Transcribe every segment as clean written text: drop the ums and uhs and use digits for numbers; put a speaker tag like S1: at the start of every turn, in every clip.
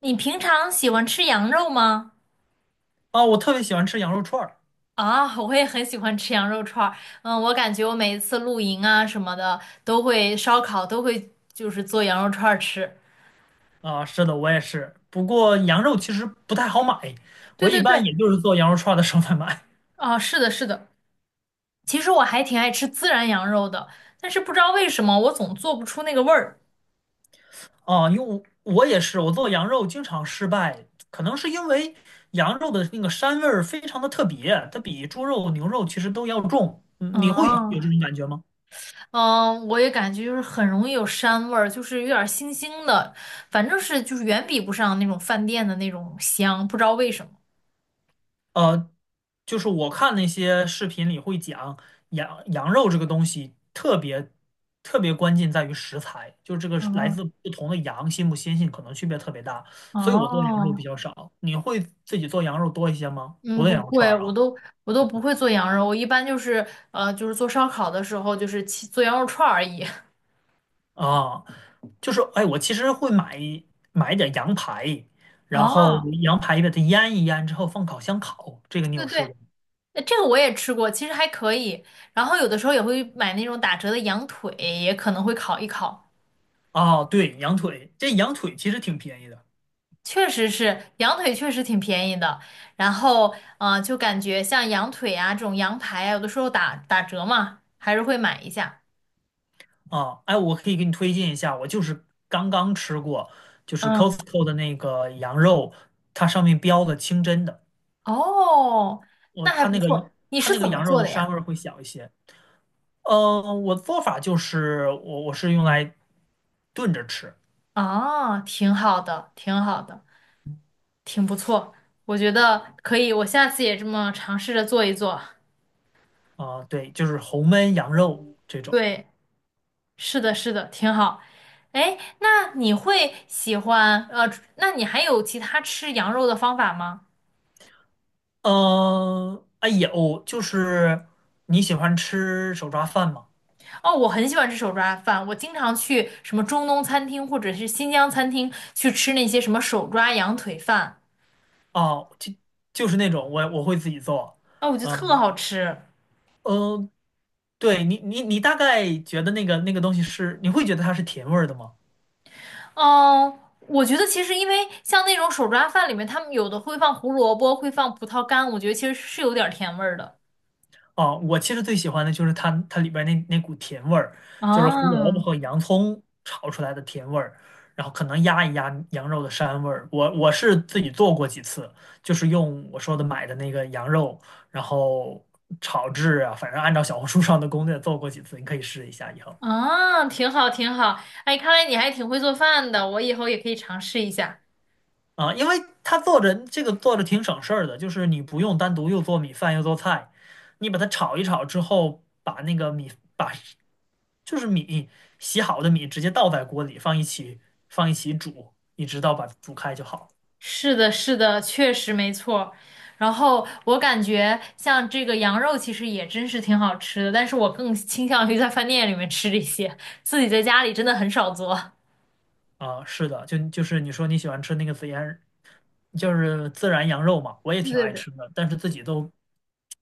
S1: 你平常喜欢吃羊肉吗？
S2: 啊，我特别喜欢吃羊肉串儿。
S1: 啊，我也很喜欢吃羊肉串儿。嗯，我感觉我每一次露营啊什么的，都会烧烤，都会就是做羊肉串儿吃。
S2: 啊，是的，我也是。不过羊肉其实不太好买，
S1: 对
S2: 我一
S1: 对
S2: 般也
S1: 对，
S2: 就是做羊肉串儿的时候才买。
S1: 啊，是的，是的。其实我还挺爱吃孜然羊肉的，但是不知道为什么我总做不出那个味儿。
S2: 啊，因为我也是，我做羊肉经常失败，可能是因为羊肉的那个膻味儿非常的特别，它比猪肉、牛肉其实都要重。嗯，你会有
S1: 哦，
S2: 这种感觉吗？
S1: 嗯，我也感觉就是很容易有膻味儿，就是有点儿腥腥的，反正是就是远比不上那种饭店的那种香，不知道为什么。
S2: 呃，就是我看那些视频里会讲羊肉这个东西特别特别关键在于食材，就是这个是来
S1: 哦
S2: 自不同的羊新不新鲜可能区别特别大，所以我做羊肉
S1: 哦，
S2: 比较少。你会自己做羊肉多一些吗？除
S1: 嗯，
S2: 了
S1: 不
S2: 羊肉串
S1: 会，
S2: 儿
S1: 我
S2: 啊。
S1: 都我都不会做羊肉，我一般就是就是做烧烤的时候，就是切做羊肉串儿而已。
S2: 啊，就是哎，我其实会买一点羊排，然后
S1: 哦，
S2: 羊排把它腌一腌之后放烤箱烤，这个你
S1: 对对
S2: 有试
S1: 对，
S2: 过吗？
S1: 这个我也吃过，其实还可以。然后有的时候也会买那种打折的羊腿，也可能会烤一烤。
S2: 哦，对，羊腿，这羊腿其实挺便宜的。
S1: 确实是，羊腿确实挺便宜的。然后就感觉像羊腿啊这种羊排啊，有的时候打打折嘛，还是会买一下。
S2: 啊，哎，我可以给你推荐一下，我就是刚刚吃过，就是
S1: 嗯，
S2: Costco 的那个羊肉，它上面标的清真的，
S1: 哦，
S2: 我
S1: 那还
S2: 它
S1: 不
S2: 那个
S1: 错。你
S2: 它
S1: 是
S2: 那个
S1: 怎么
S2: 羊肉
S1: 做
S2: 的
S1: 的
S2: 膻
S1: 呀？
S2: 味儿会小一些。嗯，我的做法就是我是用来炖着吃。
S1: 哦，挺好的，挺好的。挺不错，我觉得可以，我下次也这么尝试着做一做。
S2: 啊，对，就是红焖羊肉这种。
S1: 对，是的，是的，挺好。哎，那你会喜欢那你还有其他吃羊肉的方法吗？
S2: 嗯，哎有，哦就是你喜欢吃手抓饭吗？
S1: 哦，我很喜欢吃手抓饭，我经常去什么中东餐厅或者是新疆餐厅去吃那些什么手抓羊腿饭，
S2: 哦，就是那种我会自己做。
S1: 哦，我觉得
S2: 嗯
S1: 特好吃。
S2: 嗯，对你，你大概觉得那个东西是，你会觉得它是甜味儿的吗？
S1: 嗯，我觉得其实因为像那种手抓饭里面，他们有的会放胡萝卜，会放葡萄干，我觉得其实是有点儿甜味儿的。
S2: 哦，我其实最喜欢的就是它里边那股甜味儿，就是胡萝卜
S1: 啊，
S2: 和洋葱炒出来的甜味儿，然后可能压一压羊肉的膻味儿。我是自己做过几次，就是用我说的买的那个羊肉，然后炒制啊，反正按照小红书上的攻略做过几次，你可以试一下以后。
S1: 啊，挺好，挺好。哎，看来你还挺会做饭的，我以后也可以尝试一下。
S2: 啊，因为他做着这个做着挺省事儿的，就是你不用单独又做米饭又做菜，你把它炒一炒之后，把那个米把就是米洗好的米直接倒在锅里放一起煮，一直到把它煮开就好。
S1: 是的，是的，确实没错。然后我感觉像这个羊肉其实也真是挺好吃的，但是我更倾向于在饭店里面吃这些，自己在家里真的很少做。
S2: 啊，是的，就是你说你喜欢吃那个孜然，就是孜然羊肉嘛，我也
S1: 对
S2: 挺
S1: 对
S2: 爱
S1: 对，
S2: 吃的，但是自己都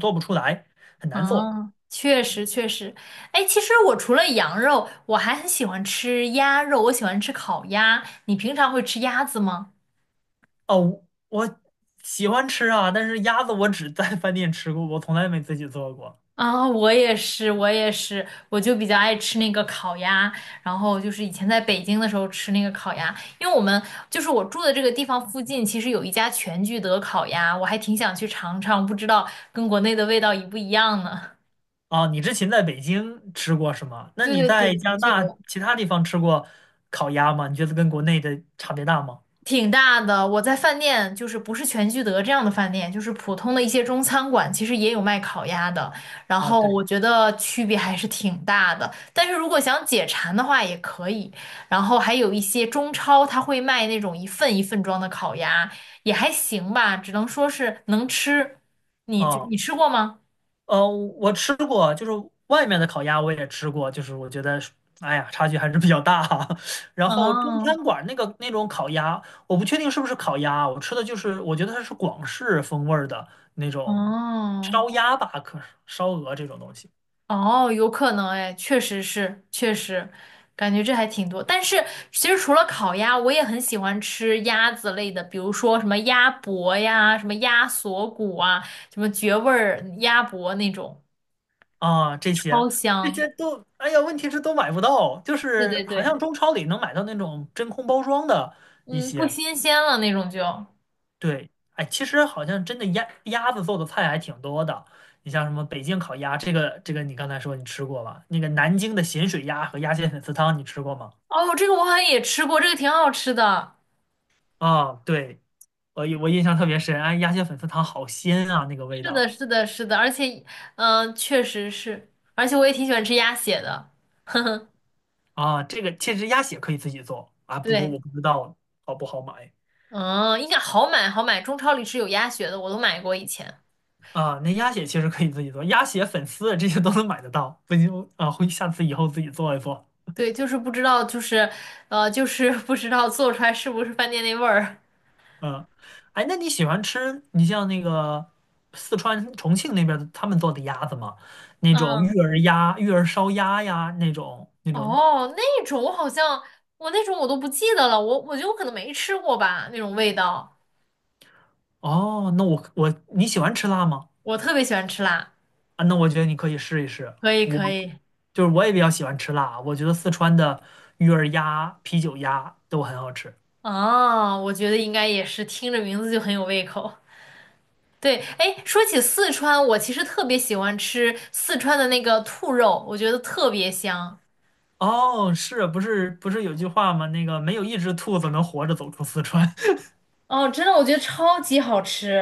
S2: 做不出来，很难做。
S1: 啊，确实确实。哎，其实我除了羊肉，我还很喜欢吃鸭肉，我喜欢吃烤鸭。你平常会吃鸭子吗？
S2: 哦，我喜欢吃啊，但是鸭子我只在饭店吃过，我从来没自己做过。
S1: 啊，我也是，我也是，我就比较爱吃那个烤鸭，然后就是以前在北京的时候吃那个烤鸭，因为我们就是我住的这个地方附近，其实有一家全聚德烤鸭，我还挺想去尝尝，不知道跟国内的味道一不一样呢。
S2: 哦，你之前在北京吃过是吗？那
S1: 对
S2: 你
S1: 对对，
S2: 在加
S1: 全
S2: 拿
S1: 聚德。
S2: 大其他地方吃过烤鸭吗？你觉得跟国内的差别大吗？
S1: 挺大的。我在饭店，就是不是全聚德这样的饭店，就是普通的一些中餐馆，其实也有卖烤鸭的。然
S2: 啊，
S1: 后
S2: 对，
S1: 我觉得区别还是挺大的。但是如果想解馋的话，也可以。然后还有一些中超，他会卖那种一份一份装的烤鸭，也还行吧，只能说是能吃。你就
S2: 哦，
S1: 你吃过吗？
S2: 我吃过，就是外面的烤鸭我也吃过，就是我觉得，哎呀，差距还是比较大哈。然后中
S1: 哦
S2: 餐馆那个那种烤鸭，我不确定是不是烤鸭啊，我吃的就是我觉得它是广式风味儿的那种
S1: 哦。
S2: 烧鸭吧，可是烧鹅这种东西。
S1: 哦，有可能哎，确实是，确实，感觉这还挺多。但是其实除了烤鸭，我也很喜欢吃鸭子类的，比如说什么鸭脖呀、什么鸭锁骨啊、什么绝味儿鸭脖那种，
S2: 啊，这些
S1: 超
S2: 这
S1: 香。
S2: 些都，哎呀，问题是都买不到，就
S1: 对
S2: 是
S1: 对
S2: 好
S1: 对，
S2: 像中超里能买到那种真空包装的一
S1: 嗯，不
S2: 些，
S1: 新鲜了那种就。
S2: 对，哎，其实好像真的鸭子做的菜还挺多的，你像什么北京烤鸭，这个你刚才说你吃过吧？那个南京的咸水鸭和鸭血粉丝汤你吃过吗？
S1: 哦，这个我好像也吃过，这个挺好吃的。
S2: 啊，对，我印象特别深，哎，鸭血粉丝汤好鲜啊，那个味
S1: 是的，
S2: 道。
S1: 是的，是的，而且，嗯、确实是，而且我也挺喜欢吃鸭血的。
S2: 啊，这个其实鸭血可以自己做啊，不过
S1: 对。
S2: 我不知道好不好买。
S1: 嗯，应该好买好买，中超里是有鸭血的，我都买过以前。
S2: 啊，那鸭血其实可以自己做，鸭血、粉丝这些都能买得到。不行啊，回下次以后自己做一做。
S1: 对，就是不知道，就是就是 不知道做出来是不是饭店那味儿。
S2: 嗯，哎，那你喜欢吃你像那个四川重庆那边的他们做的鸭子吗？那种育
S1: 嗯，
S2: 儿鸭、育儿烧鸭呀，那种。
S1: 哦，那种我好像我那种我都不记得了，我觉得我可能没吃过吧，那种味道。
S2: 哦，那我你喜欢吃辣吗？
S1: 我特别喜欢吃辣，
S2: 啊，那我觉得你可以试一试。
S1: 可以
S2: 我
S1: 可以。
S2: 就是我也比较喜欢吃辣，我觉得四川的育儿鸭、啤酒鸭都很好吃。
S1: 啊，我觉得应该也是听着名字就很有胃口。对，哎，说起四川，我其实特别喜欢吃四川的那个兔肉，我觉得特别香。
S2: 哦，是不是不是有句话吗？那个没有一只兔子能活着走出四川。
S1: 哦，真的，我觉得超级好吃。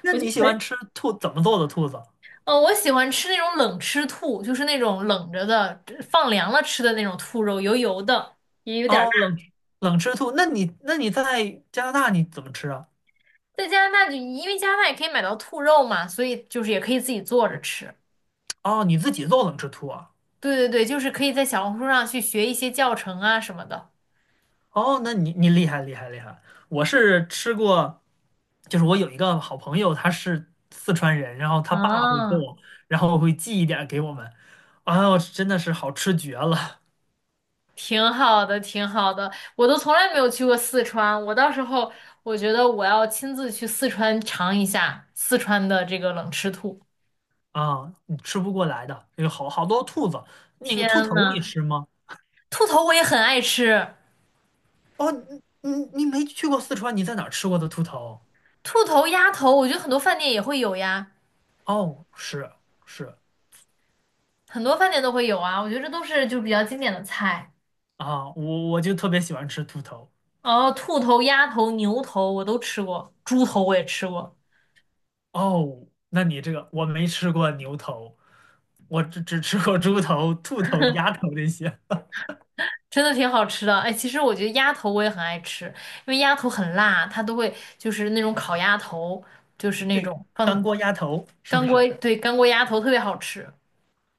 S2: 那
S1: 我就
S2: 你喜欢
S1: 很，
S2: 吃兔怎么做的兔子？
S1: 我喜欢吃那种冷吃兔，就是那种冷着的，放凉了吃的那种兔肉，油油的，也有点儿
S2: 哦，
S1: 辣。
S2: 冷吃兔。那你在加拿大你怎么吃啊？
S1: 在加拿大就，因为加拿大也可以买到兔肉嘛，所以就是也可以自己做着吃。
S2: 哦，你自己做冷吃兔啊？
S1: 对对对，就是可以在小红书上去学一些教程啊什么的。
S2: 哦，那你厉害厉害厉害。我是吃过，就是我有一个好朋友，他是四川人，然后他爸会
S1: 啊，
S2: 做，然后会寄一点儿给我们。哎呦，真的是好吃绝了。
S1: 挺好的，挺好的。我都从来没有去过四川，我到时候我觉得我要亲自去四川尝一下四川的这个冷吃兔。
S2: 啊！你吃不过来的，有好多兔子。那个兔
S1: 天
S2: 头你
S1: 呐！
S2: 吃吗？
S1: 兔头我也很爱吃，
S2: 哦，你没去过四川，你在哪儿吃过的兔头？
S1: 兔头、鸭头，我觉得很多饭店也会有呀，
S2: 哦，是是
S1: 很多饭店都会有啊。我觉得这都是就比较经典的菜。
S2: 啊，我就特别喜欢吃兔头。
S1: 哦，兔头、鸭头、牛头我都吃过，猪头我也吃过，
S2: 哦，那你这个我没吃过牛头，我只吃过猪头、兔头、鸭头这些。
S1: 真的挺好吃的。哎，其实我觉得鸭头我也很爱吃，因为鸭头很辣，它都会就是那种烤鸭头，就是那
S2: 对，
S1: 种放
S2: 干锅鸭头是不
S1: 干锅，
S2: 是？
S1: 对，干锅鸭头特别好吃。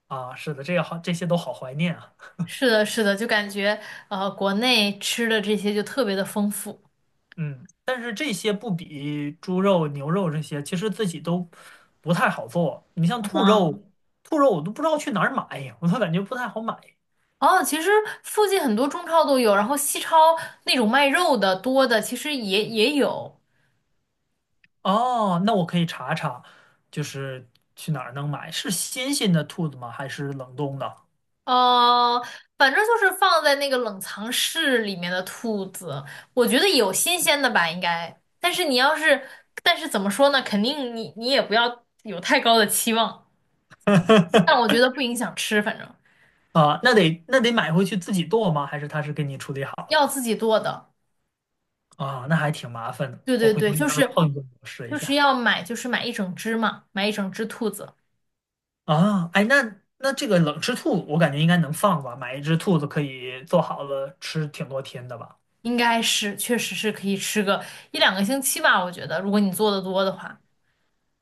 S2: 啊，是的，这个好，这些都好怀念啊。
S1: 是的，是的，就感觉国内吃的这些就特别的丰富。
S2: 嗯，但是这些不比猪肉、牛肉这些，其实自己都不太好做。你像兔
S1: 嗯，
S2: 肉，兔肉我都不知道去哪儿买，我都感觉不太好买。
S1: 哦，其实附近很多中超都有，然后西超那种卖肉的多的，其实也也有。
S2: 哦，那我可以查查，就是去哪儿能买？是新鲜的兔子吗？还是冷冻的？
S1: 呃，反正就是放在那个冷藏室里面的兔子，我觉得有新鲜的吧，应该。但是你要是，但是怎么说呢？肯定你也不要有太高的期望，但我 觉得不影响吃，反正
S2: 啊，那得买回去自己剁吗？还是他是给你处理好了？
S1: 要自己做的。
S2: 啊，那还挺麻烦的。
S1: 对
S2: 我
S1: 对
S2: 回头
S1: 对，就
S2: 要是
S1: 是
S2: 碰见我试一
S1: 就是
S2: 下。
S1: 要买，就是买一整只嘛，买一整只兔子。
S2: 啊，哎，那这个冷吃兔，我感觉应该能放吧？买一只兔子可以做好了吃挺多天的吧？
S1: 应该是，确实是可以吃个一两个星期吧，我觉得，如果你做的多的话。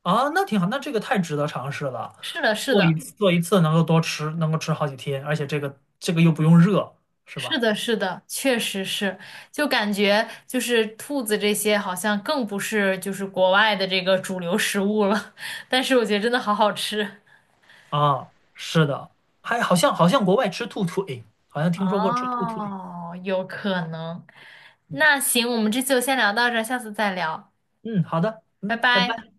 S2: 啊，那挺好，那这个太值得尝试了。
S1: 是的，是
S2: 做一
S1: 的，
S2: 次做一次能够多吃，能够吃好几天，而且这个又不用热，是
S1: 是
S2: 吧？
S1: 的，是的，确实是，就感觉就是兔子这些好像更不是就是国外的这个主流食物了，但是我觉得真的好好吃。
S2: 啊，是的，还好像国外吃兔腿，好像听说过吃兔腿。
S1: 哦，有可能。
S2: 嗯
S1: 那行，我们这次就先聊到这儿，下次再聊，
S2: 嗯，好的，
S1: 拜
S2: 嗯，拜
S1: 拜。
S2: 拜。